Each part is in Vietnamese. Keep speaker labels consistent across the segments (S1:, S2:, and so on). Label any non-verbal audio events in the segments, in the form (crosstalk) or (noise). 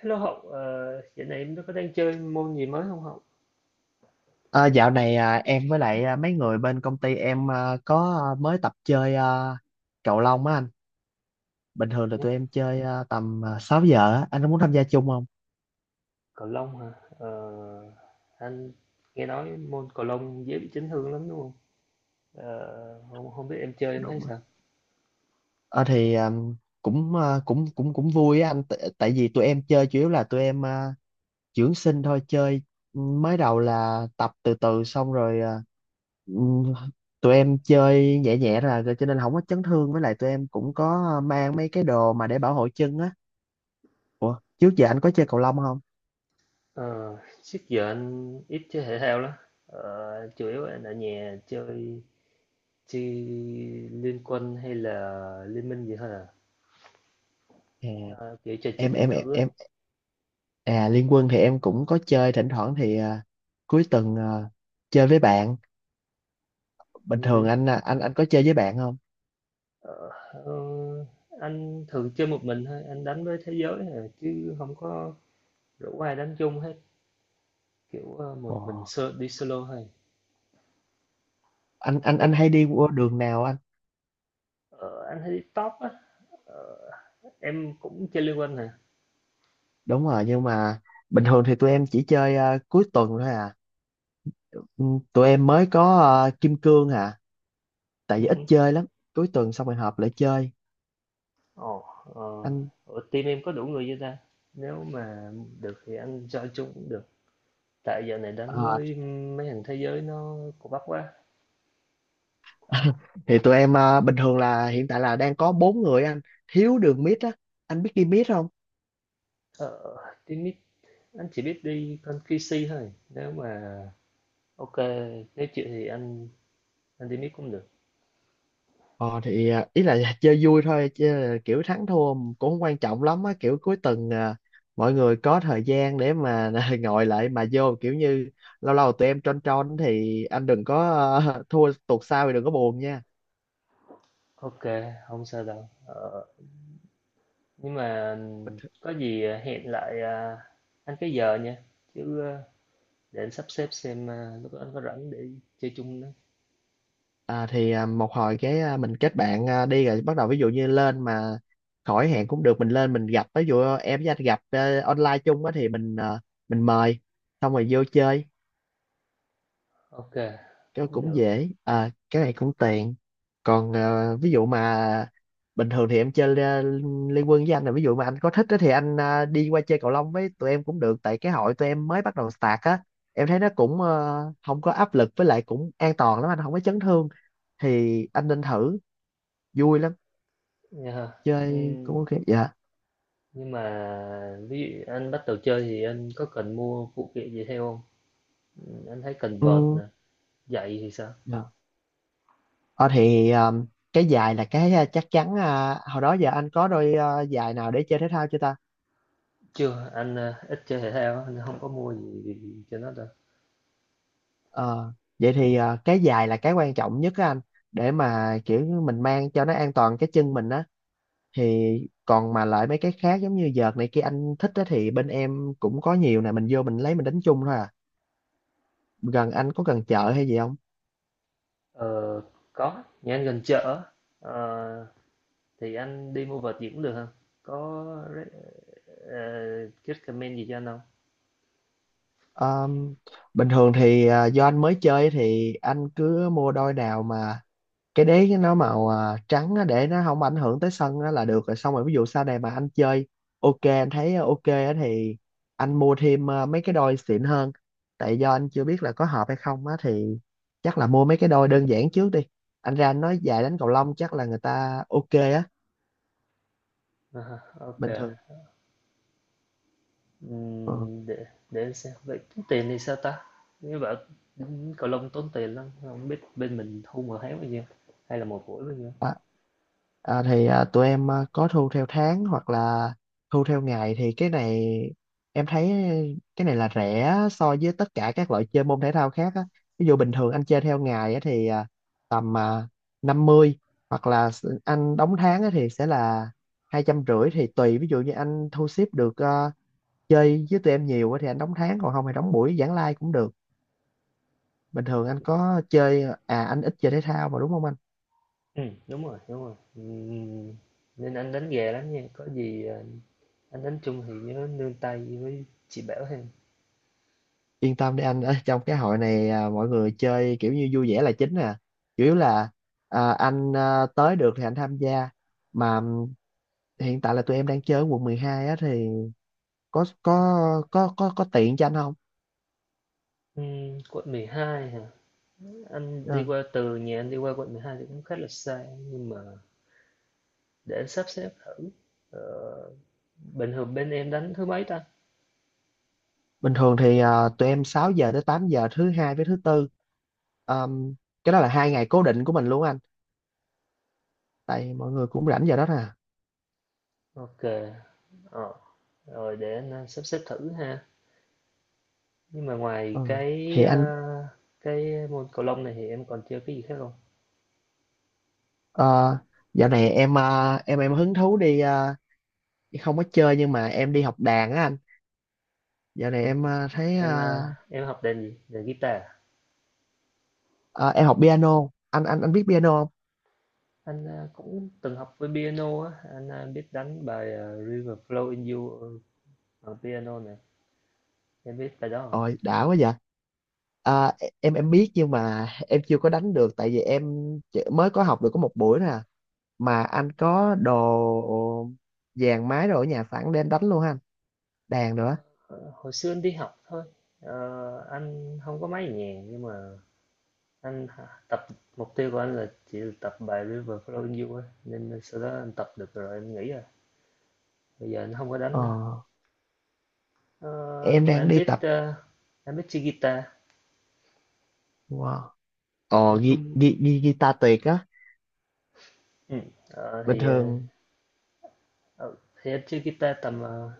S1: Hello Hậu, dạo này em có đang chơi môn gì mới không Hậu?
S2: À, dạo này, em với lại, mấy người bên công ty em, có, mới tập chơi, cầu lông á anh. Bình thường là
S1: Nhé,
S2: tụi em chơi, tầm 6 giờ á. Anh có muốn tham gia chung không?
S1: cầu lông hả? Ờ, anh nghe nói môn cầu lông dễ bị chấn thương lắm đúng không? Không, không biết em chơi em thấy
S2: Đúng rồi.
S1: sao?
S2: Ờ thì, cũng, cũng vui á anh. Tại vì tụi em chơi chủ yếu là tụi em, dưỡng sinh thôi. Chơi mới đầu là tập từ từ xong rồi ừm, tụi em chơi nhẹ nhẹ là rồi cho nên không có chấn thương. Với lại tụi em cũng có mang mấy cái đồ mà để bảo hộ chân á. Ủa, trước giờ anh có chơi cầu lông không?
S1: Ờ, Trước giờ anh ít chơi thể thao lắm. Chủ yếu anh ở nhà chơi chơi Liên Quân hay là Liên Minh gì thôi à? Ờ, Kiểu chơi trên
S2: em
S1: điện
S2: em em
S1: tử á.
S2: em- Liên Quân thì em cũng có chơi thỉnh thoảng thì cuối tuần, chơi với bạn. Bình
S1: Ừ hử.
S2: thường anh à, anh anh có chơi với bạn không?
S1: Ờ, ờ, anh thường chơi một mình thôi, anh đánh với thế giới à, chứ không có rủ ai đánh chung hết. Kiểu,
S2: Ồ,
S1: một mình solo đi solo thôi.
S2: anh anh
S1: Em
S2: anh hay đi qua đường nào anh?
S1: ờ, anh thấy top á. ờ, em cũng chơi Liên Quân hả?
S2: Đúng rồi, nhưng mà bình thường thì tụi em chỉ chơi, cuối tuần thôi à. Ừ, tụi em mới có Kim Cương à, tại
S1: Ừ
S2: vì
S1: hứ.
S2: ít chơi lắm, cuối tuần xong rồi họp lại chơi
S1: Ồ, ờ,
S2: anh.
S1: ở team em có đủ người chưa ta? Nếu mà được thì anh join chung cũng được. Tại giờ này đánh
S2: ờ,
S1: với mấy thằng thế giới nó cũng bắp quá.
S2: (laughs) thì tụi em, bình thường là hiện tại là đang có bốn người anh, thiếu đường mid á, anh biết đi mid không?
S1: Ờ, Team mid anh chỉ biết đi con QC thôi. Nếu mà ok, nếu chịu thì anh team mid cũng được.
S2: Ờ thì, ý là chơi vui thôi chứ là kiểu thắng thua cũng không quan trọng lắm á, kiểu cuối tuần, mọi người có thời gian để mà (laughs) ngồi lại mà vô kiểu như lâu lâu tụi em tron tron thì anh đừng có, (laughs) thua tuột sau thì đừng có buồn nha.
S1: Ok, không sao đâu. Ờ, Nhưng mà có gì hẹn lại anh cái giờ nha. Chứ à, để anh sắp xếp xem lúc đó anh có rảnh để chơi chung nữa.
S2: Thì một hồi cái, mình kết bạn, đi rồi bắt đầu, ví dụ như lên mà khỏi hẹn cũng được, mình lên mình gặp, ví dụ em với anh gặp online chung á, thì mình mời xong rồi vô chơi,
S1: Ok,
S2: cái
S1: cũng
S2: cũng
S1: được
S2: dễ à, cái này cũng tiện. Còn, ví dụ mà bình thường thì em chơi liên quân với anh, là ví dụ mà anh có thích á thì anh đi qua chơi cầu lông với tụi em cũng được, tại cái hội tụi em mới bắt đầu start á. Em thấy nó cũng không có áp lực, với lại cũng an toàn lắm, anh không có chấn thương thì anh nên thử, vui lắm,
S1: nha.
S2: chơi
S1: Ừm,
S2: cũng ok. Dạ.
S1: Nhưng mà ví dụ anh bắt đầu chơi thì anh có cần mua phụ kiện gì theo không? Anh thấy cần vợt
S2: Ừ.
S1: nè, giày thì sao?
S2: Dạ. Ờ, thì cái giày là cái, chắc chắn, hồi đó giờ anh có đôi giày nào để chơi thể thao chưa ta?
S1: Chưa, anh ít chơi thể thao á, nên không có mua gì cho nó đâu.
S2: Ờ, vậy thì, ờ, cái giày là cái quan trọng nhất á anh, để mà kiểu như mình mang cho nó an toàn cái chân mình á, thì còn mà lại mấy cái khác giống như vợt này kia, anh thích á thì bên em cũng có nhiều nè, mình vô mình lấy mình đánh chung thôi à. Gần anh có gần chợ hay gì không?
S1: Ờ, có, nhà anh gần chợ. Ờ, thì anh đi mua vợt gì cũng được hông? Có re ờ, recommend gì cho anh không?
S2: Ờ, bình thường thì, do anh mới chơi thì anh cứ mua đôi nào mà cái đế nó màu trắng á, để nó không ảnh hưởng tới sân á là được rồi, xong rồi ví dụ sau này mà anh chơi ok, anh thấy ok á thì anh mua thêm, mấy cái đôi xịn hơn, tại do anh chưa biết là có hợp hay không á thì chắc là mua mấy cái đôi đơn giản trước đi. Anh ra anh nói dài đánh cầu lông chắc là người ta ok á,
S1: À OK,
S2: bình thường. Ờ.
S1: ừm, để để anh xem, vậy tốn tiền thì sao ta? Nghe bảo, cầu lông tốn tiền lắm, không biết bên mình thu một tháng bao nhiêu, hay là một buổi bao nhiêu?
S2: À, à, thì tụi em có thu theo tháng hoặc là thu theo ngày, thì cái này em thấy cái này là rẻ so với tất cả các loại chơi môn thể thao khác á. Ví dụ bình thường anh chơi theo ngày á, thì tầm 50, hoặc là anh đóng tháng á, thì sẽ là 250, thì tùy, ví dụ như anh thu xếp được, chơi với tụi em nhiều á, thì anh đóng tháng, còn không thì đóng buổi giảng lai cũng được. Bình thường anh có chơi à, anh ít chơi thể thao mà đúng không anh?
S1: Đúng rồi, đúng rồi, nên anh đánh gà lắm nha, có gì, anh đánh chung thì nhớ nương tay với chị bảo thêm.
S2: Yên tâm đi anh, ở trong cái hội này à, mọi người chơi kiểu như vui vẻ là chính à, chủ yếu là anh, tới được thì anh tham gia mà. Hiện tại là tụi em đang chơi ở quận 12 á, thì có có có tiện cho anh không?
S1: Quận 12 hả? Anh
S2: Ờ,
S1: đi qua từ nhà anh đi qua quận 12 thì cũng khá là xa, nhưng mà để em sắp xếp thử. ờ, Bình thường bên em đánh thứ mấy ta?
S2: bình thường thì tụi em 6 giờ tới 8 giờ thứ hai với thứ tư. Ờm, cái đó là 2 ngày cố định của mình luôn anh, tại mọi người cũng rảnh giờ đó nè.
S1: Ok. ờ, Rồi để anh sắp xếp thử ha. Nhưng mà ngoài
S2: Ờ,
S1: cái
S2: thì anh
S1: môn cầu lông này thì em còn chơi cái gì khác không?
S2: ờ, dạo này em, em hứng thú đi, không có chơi nhưng mà em đi học đàn á anh. Dạo này em thấy
S1: em ờ, em học đàn gì, đàn guitar à?
S2: ờ, em học piano, anh biết piano không?
S1: Anh cũng từng học với piano á, anh biết đánh bài River Flow in You ở piano này. Em biết bài đó không?
S2: Ôi đã quá vậy. À, em biết nhưng mà em chưa có đánh được, tại vì em mới có học được có một buổi nè. Mà anh có đồ dàn máy rồi ở nhà sẵn để em đánh luôn ha anh, đàn nữa.
S1: Ờ, Hồi xưa anh đi học thôi. Anh không có máy nhạc, nhưng mà anh tập mục tiêu của anh là chỉ tập bài River Flow in You á, nên sau đó anh tập được rồi em nghĩ rồi bây giờ anh không có
S2: ờ,
S1: đánh nữa. Ờ,
S2: em
S1: nhưng mà
S2: đang đi tập.
S1: anh biết chơi guitar.
S2: Wow. ờ,
S1: Em
S2: ghi,
S1: cũng
S2: ghi, ghi, guitar tuyệt á.
S1: ừ. Ờ,
S2: Bình
S1: thì ờ,
S2: thường
S1: ờ, thì anh chơi guitar tầm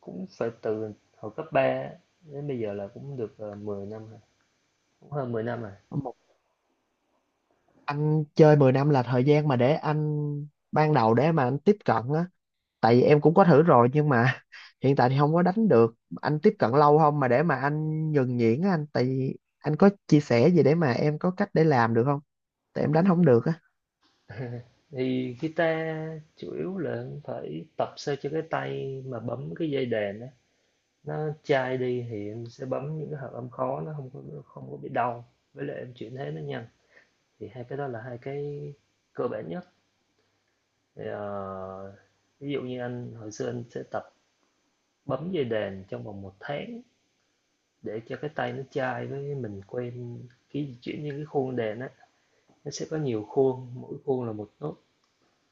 S1: cũng phải từ hồi cấp 3 đến bây giờ là cũng được 10 năm rồi, cũng hơn 10 năm rồi.
S2: một. Anh chơi 10 năm là thời gian mà để anh ban đầu để mà anh tiếp cận á, tại vì em cũng có thử rồi nhưng mà hiện tại thì không có đánh được. Anh tiếp cận lâu không mà để mà anh nhuần nhuyễn á anh, tại vì anh có chia sẻ gì để mà em có cách để làm được không, tại em đánh không được á.
S1: Thì guitar chủ yếu là phải tập sao cho cái tay mà bấm cái dây đàn đó nó chai đi, thì em sẽ bấm những cái hợp âm khó nó không có bị đau, với lại em chuyển thế nó nhanh. Thì hai cái đó là hai cái cơ bản nhất. Thì, ví dụ như anh hồi xưa anh sẽ tập bấm dây đàn trong vòng một tháng để cho cái tay nó chai với mình quen khi chuyển những cái khuôn đàn á, nó sẽ có nhiều khuôn, mỗi khuôn là một nốt.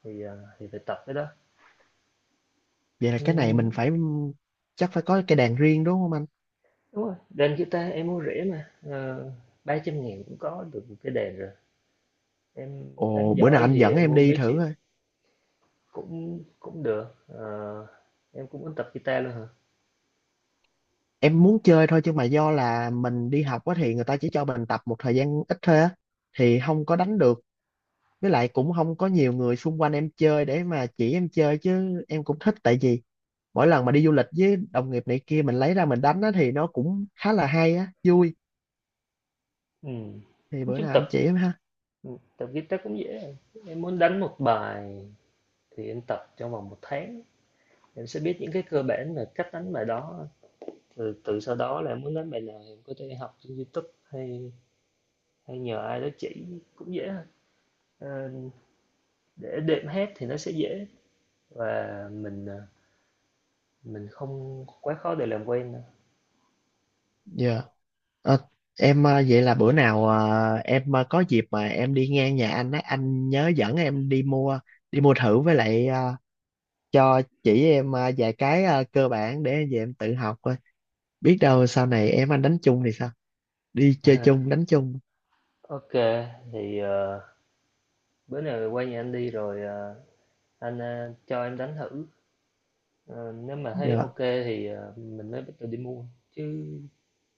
S1: Thì phải tập cái đó.
S2: Vậy là cái này mình
S1: Ừm,
S2: phải, chắc phải có cái đàn riêng đúng không anh?
S1: Đúng rồi, đàn guitar em mua rẻ mà. Ờ, Ba trăm ngàn cũng có được một cái đàn rồi, em đánh
S2: Ồ bữa nào
S1: giỏi
S2: anh
S1: thì
S2: dẫn
S1: em
S2: em
S1: mua
S2: đi
S1: mấy
S2: thử
S1: triệu.
S2: coi.
S1: Cũng cũng được, em cũng muốn tập guitar luôn hả?
S2: Em muốn chơi thôi chứ mà do là mình đi học á, thì người ta chỉ cho mình tập một thời gian ít thôi á thì không có đánh được. Với lại cũng không có nhiều người xung quanh em chơi để mà chỉ em chơi, chứ em cũng thích, tại vì mỗi lần mà đi du lịch với đồng nghiệp này kia mình lấy ra mình đánh á, thì nó cũng khá là hay á, vui.
S1: Ừm,
S2: Thì
S1: nói
S2: bữa
S1: chung
S2: nào
S1: tập
S2: anh chỉ em ha.
S1: Ừ, tập guitar cũng dễ à. Em muốn đánh một bài thì em tập trong vòng một tháng, em sẽ biết những cái cơ bản là cách đánh bài đó. Từ từ sau đó là em muốn đánh bài nào em có thể học trên YouTube hay hay nhờ ai đó chỉ cũng dễ thôi. Ờ, để đệm hát thì nó sẽ dễ, và mình không quá khó để làm quen đâu.
S2: Dạ. Ờ, em, vậy là bữa nào, em có dịp mà em đi ngang nhà anh á, anh nhớ dẫn em đi mua, đi mua thử, với lại, cho chỉ em vài cái cơ bản để về em tự học coi, biết đâu sau này em anh đánh chung thì sao, đi chơi chung đánh chung.
S1: Ok, thì ờ, bữa nào quay nhà anh đi rồi, anh, cho em đánh thử, ờ, nếu mà thấy
S2: Dạ.
S1: ok thì, mình mới bắt đầu đi mua, chứ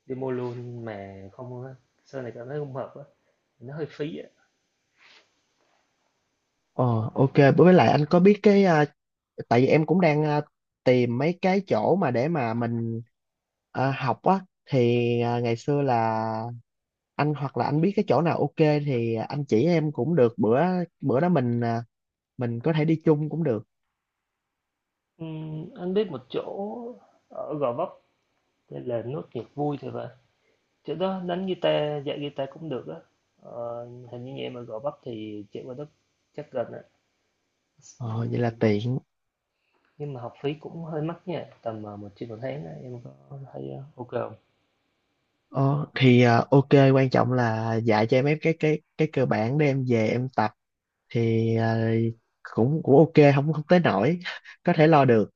S1: đi mua luôn mà không á, sau này cảm thấy không hợp á, nó hơi phí á.
S2: Ờ ok, với lại anh có biết cái, tại vì em cũng đang tìm mấy cái chỗ mà để mà mình học á, thì ngày xưa là anh hoặc là anh biết cái chỗ nào ok thì anh chỉ em cũng được. Bữa bữa đó mình, mình có thể đi chung cũng được.
S1: Anh biết một chỗ ở Gò Vấp tên là Nốt Nhạc Vui thì vậy. Chỗ đó đánh guitar, dạy guitar cũng được á. Ờ, Hình như nhà em ở Gò Vấp thì chạy qua đó chắc gần á.
S2: Ờ, vậy là
S1: Ừm,
S2: tiện.
S1: nhưng mà học phí cũng hơi mắc nha, tầm một triệu một tháng á, em có thấy ok không?
S2: Thì ok, quan trọng là dạy cho em mấy cái cơ bản để em về em tập. Thì cũng cũng ok, không không tới nổi, (laughs) có thể lo được.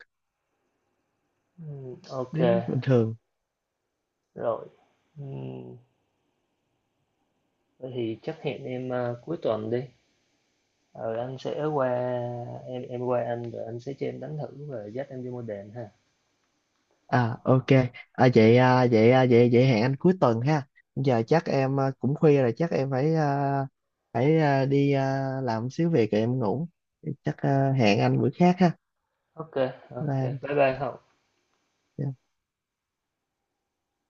S1: Ok,
S2: Nếu bình thường.
S1: rồi. Ừm, Thế thì chắc hẹn em cuối tuần đi. Ờ, anh sẽ qua em qua anh rồi anh sẽ cho em đánh thử và dắt em đi mua đèn ha.
S2: À ok, à, vậy à, vậy à, vậy vậy hẹn anh cuối tuần ha. Giờ chắc em cũng khuya rồi, chắc em phải đi làm xíu việc rồi em ngủ. Chắc, hẹn anh bữa khác ha.
S1: Ok,
S2: Bye
S1: ok.
S2: anh.
S1: Bye bye Hậu.
S2: Dạ.